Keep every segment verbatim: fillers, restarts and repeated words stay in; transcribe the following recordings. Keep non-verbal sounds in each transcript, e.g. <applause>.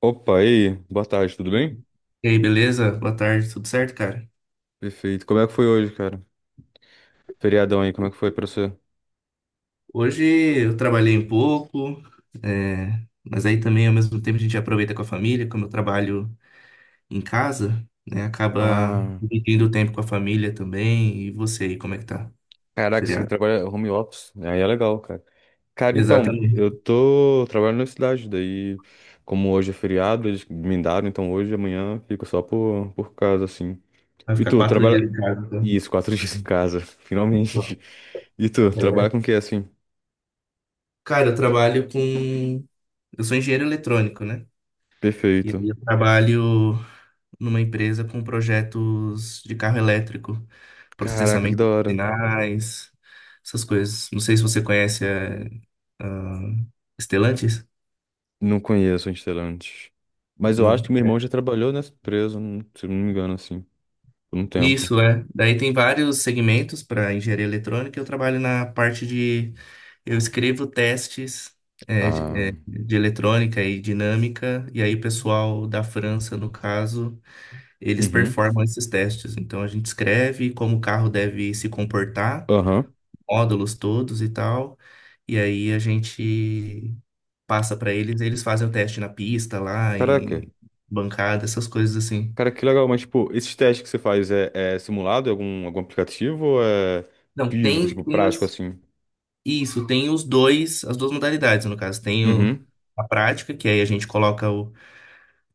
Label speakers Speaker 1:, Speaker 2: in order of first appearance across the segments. Speaker 1: Opa, e aí? Boa tarde, tudo bem?
Speaker 2: E aí, beleza? Boa tarde, tudo certo, cara?
Speaker 1: Perfeito. Como é que foi hoje, cara? Feriadão aí, como é que foi pra você?
Speaker 2: Hoje eu trabalhei um pouco, é, mas aí também ao mesmo tempo a gente aproveita com a família, como eu trabalho em casa, né? Acaba
Speaker 1: Ah,
Speaker 2: dividindo o tempo com a família também. E você aí, como é que tá?
Speaker 1: caraca, você
Speaker 2: Feriado.
Speaker 1: trabalha home office. Aí é legal, cara. Cara, então,
Speaker 2: Exatamente.
Speaker 1: eu tô trabalhando na cidade, daí, como hoje é feriado, eles me daram, então hoje e amanhã fico só por, por casa, assim.
Speaker 2: Vai
Speaker 1: E
Speaker 2: ficar
Speaker 1: tu,
Speaker 2: quatro
Speaker 1: trabalha.
Speaker 2: dias em casa,
Speaker 1: Isso, quatro <laughs> dias em casa, finalmente.
Speaker 2: então.
Speaker 1: E tu, trabalha
Speaker 2: É.
Speaker 1: com o que, assim?
Speaker 2: Cara, eu trabalho com. Eu sou engenheiro eletrônico, né? E
Speaker 1: Perfeito.
Speaker 2: aí eu trabalho numa empresa com projetos de carro elétrico,
Speaker 1: Caraca, que
Speaker 2: processamento
Speaker 1: da
Speaker 2: de
Speaker 1: hora.
Speaker 2: sinais, essas coisas. Não sei se você conhece é, ah, Stellantis?
Speaker 1: Não conheço a Stellantis. Mas eu
Speaker 2: Não.
Speaker 1: acho que meu irmão já trabalhou nessa empresa, não- se eu não me engano, assim, por um tempo.
Speaker 2: Isso, é. Daí tem vários segmentos para engenharia eletrônica. Eu trabalho na parte de. Eu escrevo testes é, de,
Speaker 1: Ah,
Speaker 2: é, de eletrônica e dinâmica, e aí o pessoal da França, no caso, eles
Speaker 1: uhum,
Speaker 2: performam esses testes. Então a gente escreve como o carro deve se comportar.
Speaker 1: aham.
Speaker 2: Módulos todos e tal. E aí a gente passa para eles, eles fazem o teste na pista lá,
Speaker 1: Caraca,
Speaker 2: em bancada, essas coisas assim.
Speaker 1: cara, que legal. Mas, tipo, esses testes que você faz é, é simulado em algum, algum aplicativo ou é
Speaker 2: Não,
Speaker 1: físico,
Speaker 2: tem,
Speaker 1: tipo,
Speaker 2: tem
Speaker 1: prático,
Speaker 2: as-
Speaker 1: assim?
Speaker 2: isso, tem os dois, as duas modalidades, no caso. Tem o-
Speaker 1: Uhum,
Speaker 2: a prática, que aí a gente coloca o,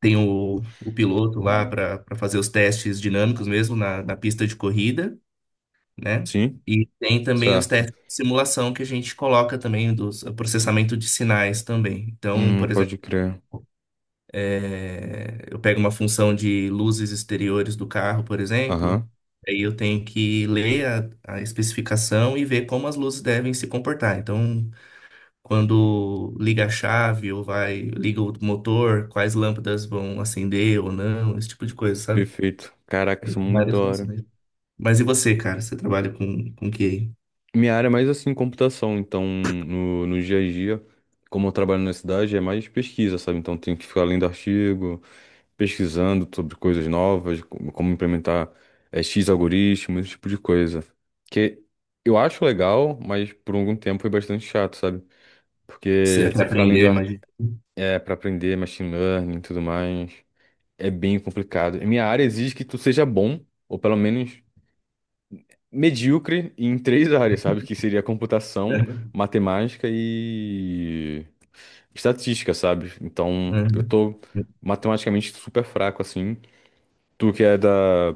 Speaker 2: tem o, o piloto lá para para fazer os testes dinâmicos mesmo na, na pista de corrida, né?
Speaker 1: sim,
Speaker 2: E tem também os
Speaker 1: certo.
Speaker 2: testes de simulação que a gente coloca também, dos o processamento de sinais também. Então,
Speaker 1: Hum,
Speaker 2: por exemplo,
Speaker 1: pode crer.
Speaker 2: é, eu pego uma função de luzes exteriores do carro, por exemplo,
Speaker 1: Aham,
Speaker 2: aí eu tenho que ler a, a especificação e ver como as luzes devem se comportar. Então, quando liga a chave ou vai, liga o motor, quais lâmpadas vão acender ou não, esse tipo de coisa, sabe?
Speaker 1: perfeito. Caraca,
Speaker 2: Tem
Speaker 1: isso é muito da
Speaker 2: várias
Speaker 1: hora.
Speaker 2: funções. Mas e você, cara? Você trabalha com, com o que? Aí?
Speaker 1: Minha área é mais, assim, computação, então, no, no dia a dia, como eu trabalho na cidade, é mais pesquisa, sabe? Então, tenho que ficar lendo artigo, pesquisando sobre coisas novas, como como implementar eh, X algoritmos, esse tipo de coisa. Que eu acho legal, mas por algum tempo foi bastante chato, sabe?
Speaker 2: Você
Speaker 1: Porque
Speaker 2: até
Speaker 1: você ficar
Speaker 2: aprendeu,
Speaker 1: lendo a-
Speaker 2: imagina.
Speaker 1: é, para aprender machine learning e tudo mais, é bem complicado. E minha área exige que tu seja bom, ou pelo menos medíocre, em três <laughs> áreas, sabe? Que seria computação,
Speaker 2: <laughs>
Speaker 1: matemática e estatística, sabe? Então, eu
Speaker 2: Uhum.
Speaker 1: tô matematicamente super fraco, assim. Tu que é da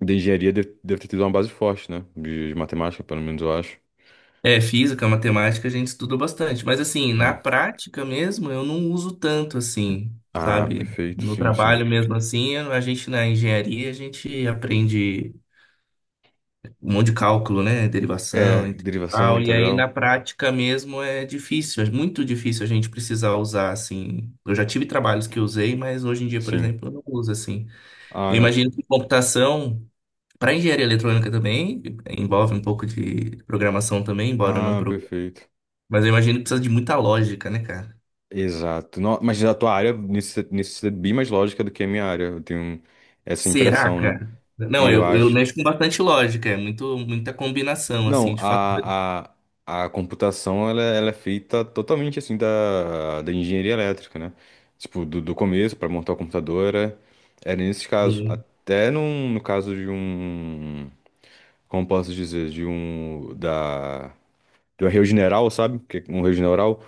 Speaker 1: De engenharia deve, deve ter tido uma base forte, né? De, de matemática, pelo menos eu acho.
Speaker 2: É, física, matemática, a gente estuda bastante, mas assim, na
Speaker 1: Sim.
Speaker 2: prática mesmo, eu não uso tanto assim,
Speaker 1: Ah,
Speaker 2: sabe?
Speaker 1: perfeito,
Speaker 2: No
Speaker 1: sim, sim.
Speaker 2: trabalho mesmo assim, a gente na engenharia, a gente aprende um monte de cálculo, né?
Speaker 1: É,
Speaker 2: Derivação,
Speaker 1: derivação,
Speaker 2: integral, e aí na
Speaker 1: integral,
Speaker 2: prática mesmo é difícil, é muito difícil a gente precisar usar assim. Eu já tive trabalhos que usei, mas hoje em dia, por
Speaker 1: sim.
Speaker 2: exemplo, eu não uso assim.
Speaker 1: Ah,
Speaker 2: Eu
Speaker 1: na-
Speaker 2: imagino que computação, para engenharia eletrônica também, envolve um pouco de programação também, embora eu não,
Speaker 1: ah, perfeito.
Speaker 2: mas eu imagino que precisa de muita lógica, né, cara?
Speaker 1: Exato. No- mas a tua área necessita, necessita bem mais lógica do que a minha área. Eu tenho essa
Speaker 2: Será,
Speaker 1: impressão, né?
Speaker 2: cara?
Speaker 1: E
Speaker 2: Não,
Speaker 1: eu
Speaker 2: eu, eu
Speaker 1: acho.
Speaker 2: mexo com bastante lógica, é muito, muita combinação, assim,
Speaker 1: Não,
Speaker 2: de fatores.
Speaker 1: a, a, a computação ela, ela é feita totalmente assim da, da engenharia elétrica, né? Tipo, do, do começo para montar a computadora, era era nesse caso.
Speaker 2: Sim,
Speaker 1: Até num, no caso de um, como posso dizer, de um, da, de um arreio general, sabe? Que é um arreio general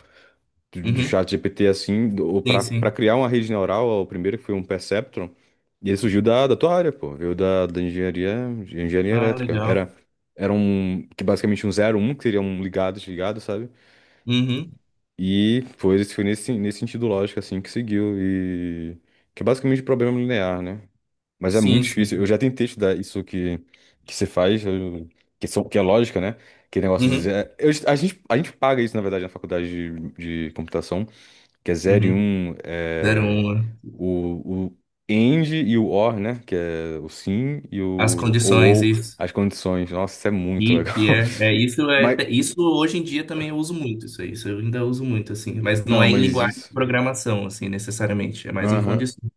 Speaker 1: do, do
Speaker 2: uhum.
Speaker 1: ChatGPT assim, do-
Speaker 2: Sim,
Speaker 1: pra para
Speaker 2: sim.
Speaker 1: criar uma rede neural, o primeiro que foi um Perceptron, e ele surgiu da, da tua área, pô, veio da, da engenharia, de engenharia
Speaker 2: Ah,
Speaker 1: elétrica.
Speaker 2: legal.
Speaker 1: Era era um que basicamente um zero um que seria um ligado, desligado, sabe?
Speaker 2: Uhum.
Speaker 1: E foi esse foi nesse nesse sentido lógico assim que seguiu e que é basicamente problema linear, né? Mas é muito
Speaker 2: Sim,
Speaker 1: difícil. Eu
Speaker 2: sim.
Speaker 1: já tentei estudar isso que que você faz, eu- que são que é lógica, né? Que negócio de
Speaker 2: Uhum.
Speaker 1: dizer, eu- a gente a gente paga isso na verdade na faculdade de de computação que é zero e
Speaker 2: Uhum.
Speaker 1: um,
Speaker 2: Zero
Speaker 1: é,
Speaker 2: uma.
Speaker 1: o, o AND e o OR, né? Que é o sim e
Speaker 2: As
Speaker 1: o ou,
Speaker 2: condições,
Speaker 1: ou
Speaker 2: isso.
Speaker 1: as condições. Nossa, isso é muito
Speaker 2: E
Speaker 1: legal.
Speaker 2: que é, é, isso
Speaker 1: <laughs>
Speaker 2: é,
Speaker 1: Mas,
Speaker 2: isso hoje em dia também eu uso muito, isso aí, isso eu ainda uso muito, assim, mas não
Speaker 1: não,
Speaker 2: é em
Speaker 1: mas
Speaker 2: linguagem de
Speaker 1: isso.
Speaker 2: programação, assim, necessariamente, é mais em condições.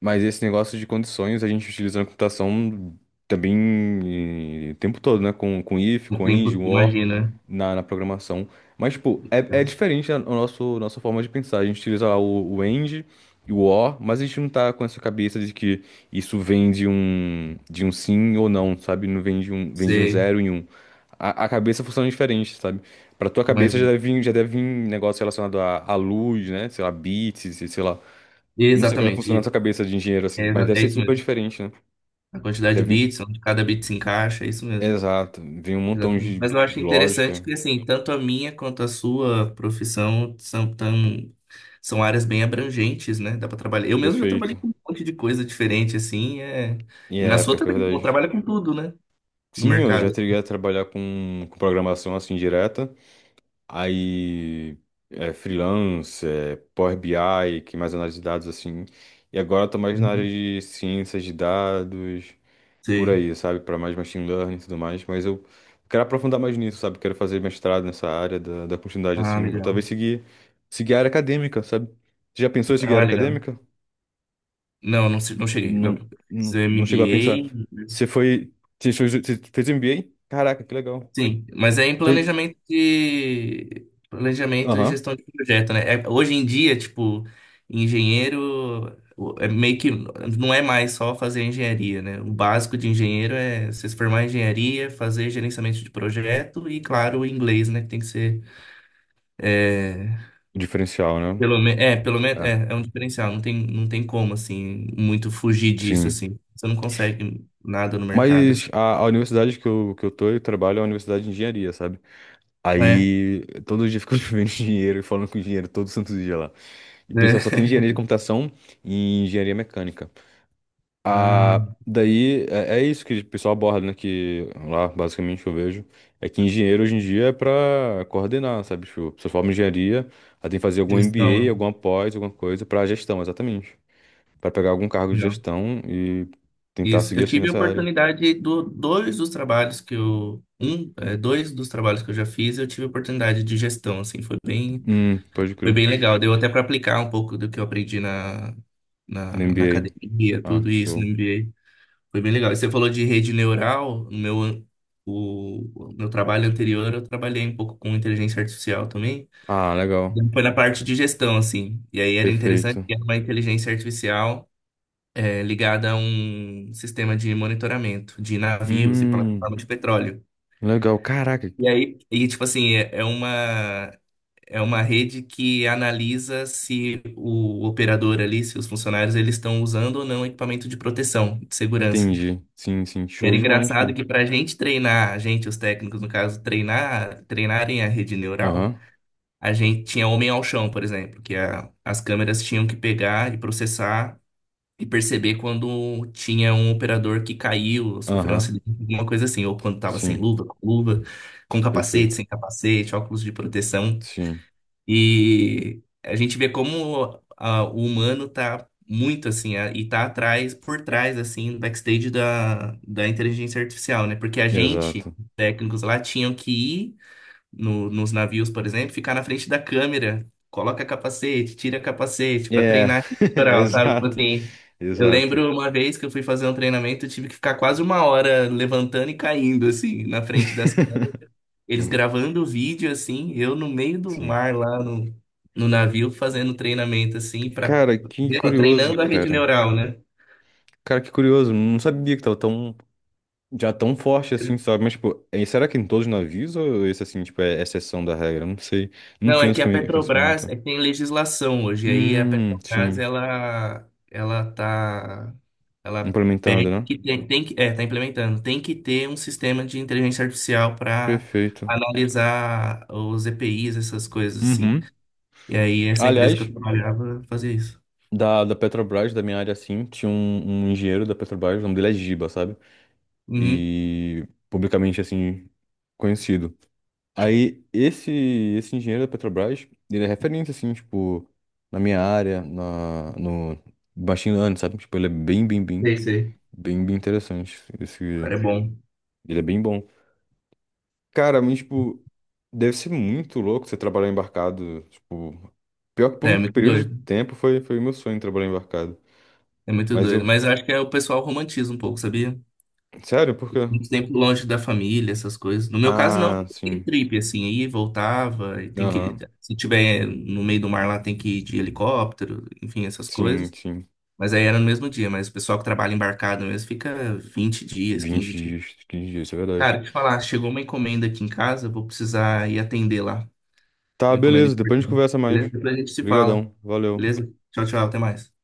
Speaker 1: Mas esse negócio de condições a gente utiliza na computação também eh, o tempo todo, né? Com, com if,
Speaker 2: O
Speaker 1: com end,
Speaker 2: tempo,
Speaker 1: com or
Speaker 2: imagina.
Speaker 1: na, na programação. Mas, tipo, é, é diferente a, a nosso, nossa forma de pensar. A gente utiliza lá o, o end e o or, mas a gente não tá com essa cabeça de que isso vem de um, de um sim ou não, sabe? Não vem de um, vem de um
Speaker 2: Você
Speaker 1: zero e um. A, a cabeça funciona diferente, sabe? Pra tua cabeça já
Speaker 2: imagina.
Speaker 1: deve vir, já deve vir um negócio relacionado à à luz, né? Sei lá, bits, e sei lá. Não sei como é que funciona a sua
Speaker 2: Exatamente.
Speaker 1: cabeça de engenheiro, assim,
Speaker 2: É,
Speaker 1: mas
Speaker 2: exa-
Speaker 1: deve
Speaker 2: é
Speaker 1: ser
Speaker 2: isso
Speaker 1: super
Speaker 2: mesmo.
Speaker 1: diferente, né?
Speaker 2: A quantidade de
Speaker 1: Deve...
Speaker 2: bits, onde cada bit se encaixa, é isso mesmo.
Speaker 1: Exato, vem um montão
Speaker 2: Exatamente.
Speaker 1: de,
Speaker 2: Mas eu
Speaker 1: de
Speaker 2: acho interessante
Speaker 1: lógica,
Speaker 2: que, assim, tanto a minha quanto a sua profissão são tão, são áreas bem abrangentes, né? Dá para trabalhar. Eu mesmo já trabalhei
Speaker 1: perfeito.
Speaker 2: com um monte de coisa diferente, assim, é...
Speaker 1: E
Speaker 2: E na
Speaker 1: é,
Speaker 2: sua
Speaker 1: pior que é
Speaker 2: também, pô,
Speaker 1: verdade.
Speaker 2: trabalha com tudo, né? No
Speaker 1: Sim, eu já
Speaker 2: mercado.
Speaker 1: teria a trabalhar com, com programação assim direta, aí é, freelance, é, Power B I, que é mais análise de dados assim. E agora eu tô mais na área
Speaker 2: Uhum.
Speaker 1: de ciências de dados, por
Speaker 2: Sim.
Speaker 1: aí, sabe? Para mais machine learning e tudo mais. Mas eu quero aprofundar mais nisso, sabe? Quero fazer mestrado nessa área da, da continuidade,
Speaker 2: Ah,
Speaker 1: assim. Ou talvez
Speaker 2: legal.
Speaker 1: seguir, seguir a área acadêmica, sabe? Você já pensou em seguir a
Speaker 2: Ah,
Speaker 1: área
Speaker 2: legal.
Speaker 1: acadêmica?
Speaker 2: Não, não, se- não cheguei. Não.
Speaker 1: Não,
Speaker 2: Fiz
Speaker 1: não, não chegou a pensar.
Speaker 2: M B A,
Speaker 1: Você foi. Você fez você fez M B A? Caraca, que legal.
Speaker 2: sim, mas é em
Speaker 1: Fe-
Speaker 2: planejamento de planejamento e
Speaker 1: Aham.
Speaker 2: gestão de projeto, né? É- hoje em dia, tipo, engenheiro o- é meio que não é mais só fazer engenharia, né? O básico de engenheiro é você se formar em engenharia, fazer gerenciamento de projeto e, claro, o inglês, né? Que tem que ser é,
Speaker 1: O diferencial, né?
Speaker 2: pelo menos é, pelo menos
Speaker 1: É,
Speaker 2: é, é um diferencial. Não tem, não tem como assim muito fugir disso
Speaker 1: sim.
Speaker 2: assim. Você não consegue nada no mercado assim,
Speaker 1: Mas a, a universidade que eu, que eu tô e trabalho é uma universidade de engenharia, sabe?
Speaker 2: né? É.
Speaker 1: Aí todo dia eu fico <laughs> vendo dinheiro e falando com o engenheiro todo santo dia lá. E o pessoal só tem engenharia de
Speaker 2: <laughs>
Speaker 1: computação e engenharia mecânica.
Speaker 2: Ah,
Speaker 1: Ah, daí é, é isso que o pessoal aborda, né? Que lá, basicamente, eu vejo. É que engenheiro hoje em dia é pra coordenar, sabe? Tipo, a pessoa forma em engenharia, ela tem que fazer algum M B A,
Speaker 2: gestão.
Speaker 1: alguma pós, alguma coisa pra gestão, exatamente. Pra pegar algum cargo de gestão e tentar
Speaker 2: Isso,
Speaker 1: seguir
Speaker 2: eu
Speaker 1: assim
Speaker 2: tive a
Speaker 1: nessa área.
Speaker 2: oportunidade do dois dos trabalhos que eu um, é, dois dos trabalhos que eu já fiz, eu tive a oportunidade de gestão, assim, foi bem,
Speaker 1: Hum, pode
Speaker 2: foi
Speaker 1: crer.
Speaker 2: bem legal. Deu até para aplicar um pouco do que eu aprendi na,
Speaker 1: No
Speaker 2: na, na
Speaker 1: M B A.
Speaker 2: academia,
Speaker 1: Ah,
Speaker 2: tudo isso no
Speaker 1: show.
Speaker 2: M B A. Foi bem legal. E você falou de rede neural, no meu an- o, o meu trabalho anterior, eu trabalhei um pouco com inteligência artificial também.
Speaker 1: Ah, legal.
Speaker 2: Então, foi na parte de gestão, assim. E aí era interessante
Speaker 1: Perfeito.
Speaker 2: que era uma inteligência artificial é, ligada a um sistema de monitoramento de navios e
Speaker 1: Hum,
Speaker 2: plataforma de petróleo.
Speaker 1: legal. Caraca,
Speaker 2: E aí, e tipo assim, é é uma é uma rede que analisa se o operador ali, se os funcionários eles estão usando ou não equipamento de proteção, de segurança.
Speaker 1: entendi. Sim, sim,
Speaker 2: E era
Speaker 1: show demais,
Speaker 2: engraçado
Speaker 1: cara.
Speaker 2: que para a gente treinar, a gente, os técnicos no caso, treinar, treinarem a rede neural,
Speaker 1: Aham,
Speaker 2: a gente tinha homem ao chão, por exemplo, que a- as câmeras tinham que pegar e processar e perceber quando tinha um operador que caiu, sofreu um
Speaker 1: aham,
Speaker 2: acidente, alguma coisa assim, ou quando estava sem
Speaker 1: sim,
Speaker 2: luva, com luva, com capacete,
Speaker 1: perfeito.
Speaker 2: sem capacete, óculos de proteção.
Speaker 1: Sim,
Speaker 2: E a gente vê como ah, o humano tá muito assim, ah, e tá atrás, por trás, assim, do backstage da, da inteligência artificial, né? Porque a gente,
Speaker 1: exato.
Speaker 2: técnicos lá, tinham que ir no- nos navios, por exemplo, ficar na frente da câmera, coloca capacete, tira capacete para
Speaker 1: É,
Speaker 2: treinar esse
Speaker 1: <laughs>
Speaker 2: litoral, sabe? Tipo
Speaker 1: exato,
Speaker 2: assim, eu
Speaker 1: exato.
Speaker 2: lembro uma vez que eu fui fazer um treinamento, eu tive que ficar quase uma hora levantando e caindo, assim, na frente das câmeras.
Speaker 1: <laughs>
Speaker 2: Eles gravando o vídeo, assim, eu no meio do
Speaker 1: Sim.
Speaker 2: mar lá no, no navio fazendo treinamento, assim, para
Speaker 1: Cara, que curioso,
Speaker 2: treinando a rede
Speaker 1: cara.
Speaker 2: neural, né?
Speaker 1: Cara, que curioso. Não sabia que tava tão, já tão forte assim, sabe? Mas, tipo, é- será que em todos os navios ou esse, assim, tipo, é exceção da regra? Não sei. Não
Speaker 2: Não,
Speaker 1: tenho
Speaker 2: é
Speaker 1: esse
Speaker 2: que a
Speaker 1: conhe-
Speaker 2: Petrobras
Speaker 1: conhecimento.
Speaker 2: é que tem legislação hoje, aí a
Speaker 1: Hum,
Speaker 2: Petrobras
Speaker 1: sim.
Speaker 2: ela ela tá, ela
Speaker 1: Implementando,
Speaker 2: pede
Speaker 1: né?
Speaker 2: que tem, tem que é, tá implementando, tem que ter um sistema de inteligência artificial para
Speaker 1: Perfeito.
Speaker 2: analisar os E P Is, essas coisas assim.
Speaker 1: Uhum.
Speaker 2: E aí essa empresa que eu
Speaker 1: Aliás,
Speaker 2: trabalhava fazia isso.
Speaker 1: Da, da Petrobras, da minha área, assim, tinha um, um engenheiro da Petrobras, o nome dele é Giba, sabe?
Speaker 2: Uhum,
Speaker 1: E publicamente, assim, conhecido. Aí, esse, esse engenheiro da Petrobras, ele é referência, assim, tipo, na minha área, na, no machine learning, sabe? Tipo, ele é bem, bem, bem,
Speaker 2: sei, sei. O
Speaker 1: bem, bem interessante. Esse,
Speaker 2: cara é bom.
Speaker 1: ele é bem bom. Cara, mas, tipo, deve ser muito louco você trabalhar embarcado, tipo... Pior que por
Speaker 2: É,
Speaker 1: um
Speaker 2: é muito
Speaker 1: período de
Speaker 2: doido.
Speaker 1: tempo foi, foi meu sonho trabalhar embarcado.
Speaker 2: É muito
Speaker 1: Mas
Speaker 2: doido,
Speaker 1: eu...
Speaker 2: mas eu acho que é o pessoal romantiza um pouco, sabia?
Speaker 1: Sério, por quê?
Speaker 2: Muito tempo longe da família, essas coisas. No meu caso, não,
Speaker 1: Ah,
Speaker 2: tem
Speaker 1: sim.
Speaker 2: trip, assim, aí voltava, e tem que,
Speaker 1: Aham.
Speaker 2: se tiver no meio do mar lá, tem que ir de helicóptero, enfim, essas
Speaker 1: Sim,
Speaker 2: coisas.
Speaker 1: sim.
Speaker 2: Mas aí era no mesmo dia, mas o pessoal que trabalha embarcado mesmo fica vinte dias,
Speaker 1: Vinte
Speaker 2: quinze dias.
Speaker 1: dias, quinze dias, isso é verdade.
Speaker 2: Cara, deixa eu falar, chegou uma encomenda aqui em casa, vou precisar ir atender lá.
Speaker 1: Tá,
Speaker 2: Uma encomenda
Speaker 1: beleza. Depois a gente
Speaker 2: importante.
Speaker 1: conversa
Speaker 2: Beleza?
Speaker 1: mais.
Speaker 2: Depois a gente se fala.
Speaker 1: Obrigadão. Valeu.
Speaker 2: Beleza? Tchau, tchau, até mais.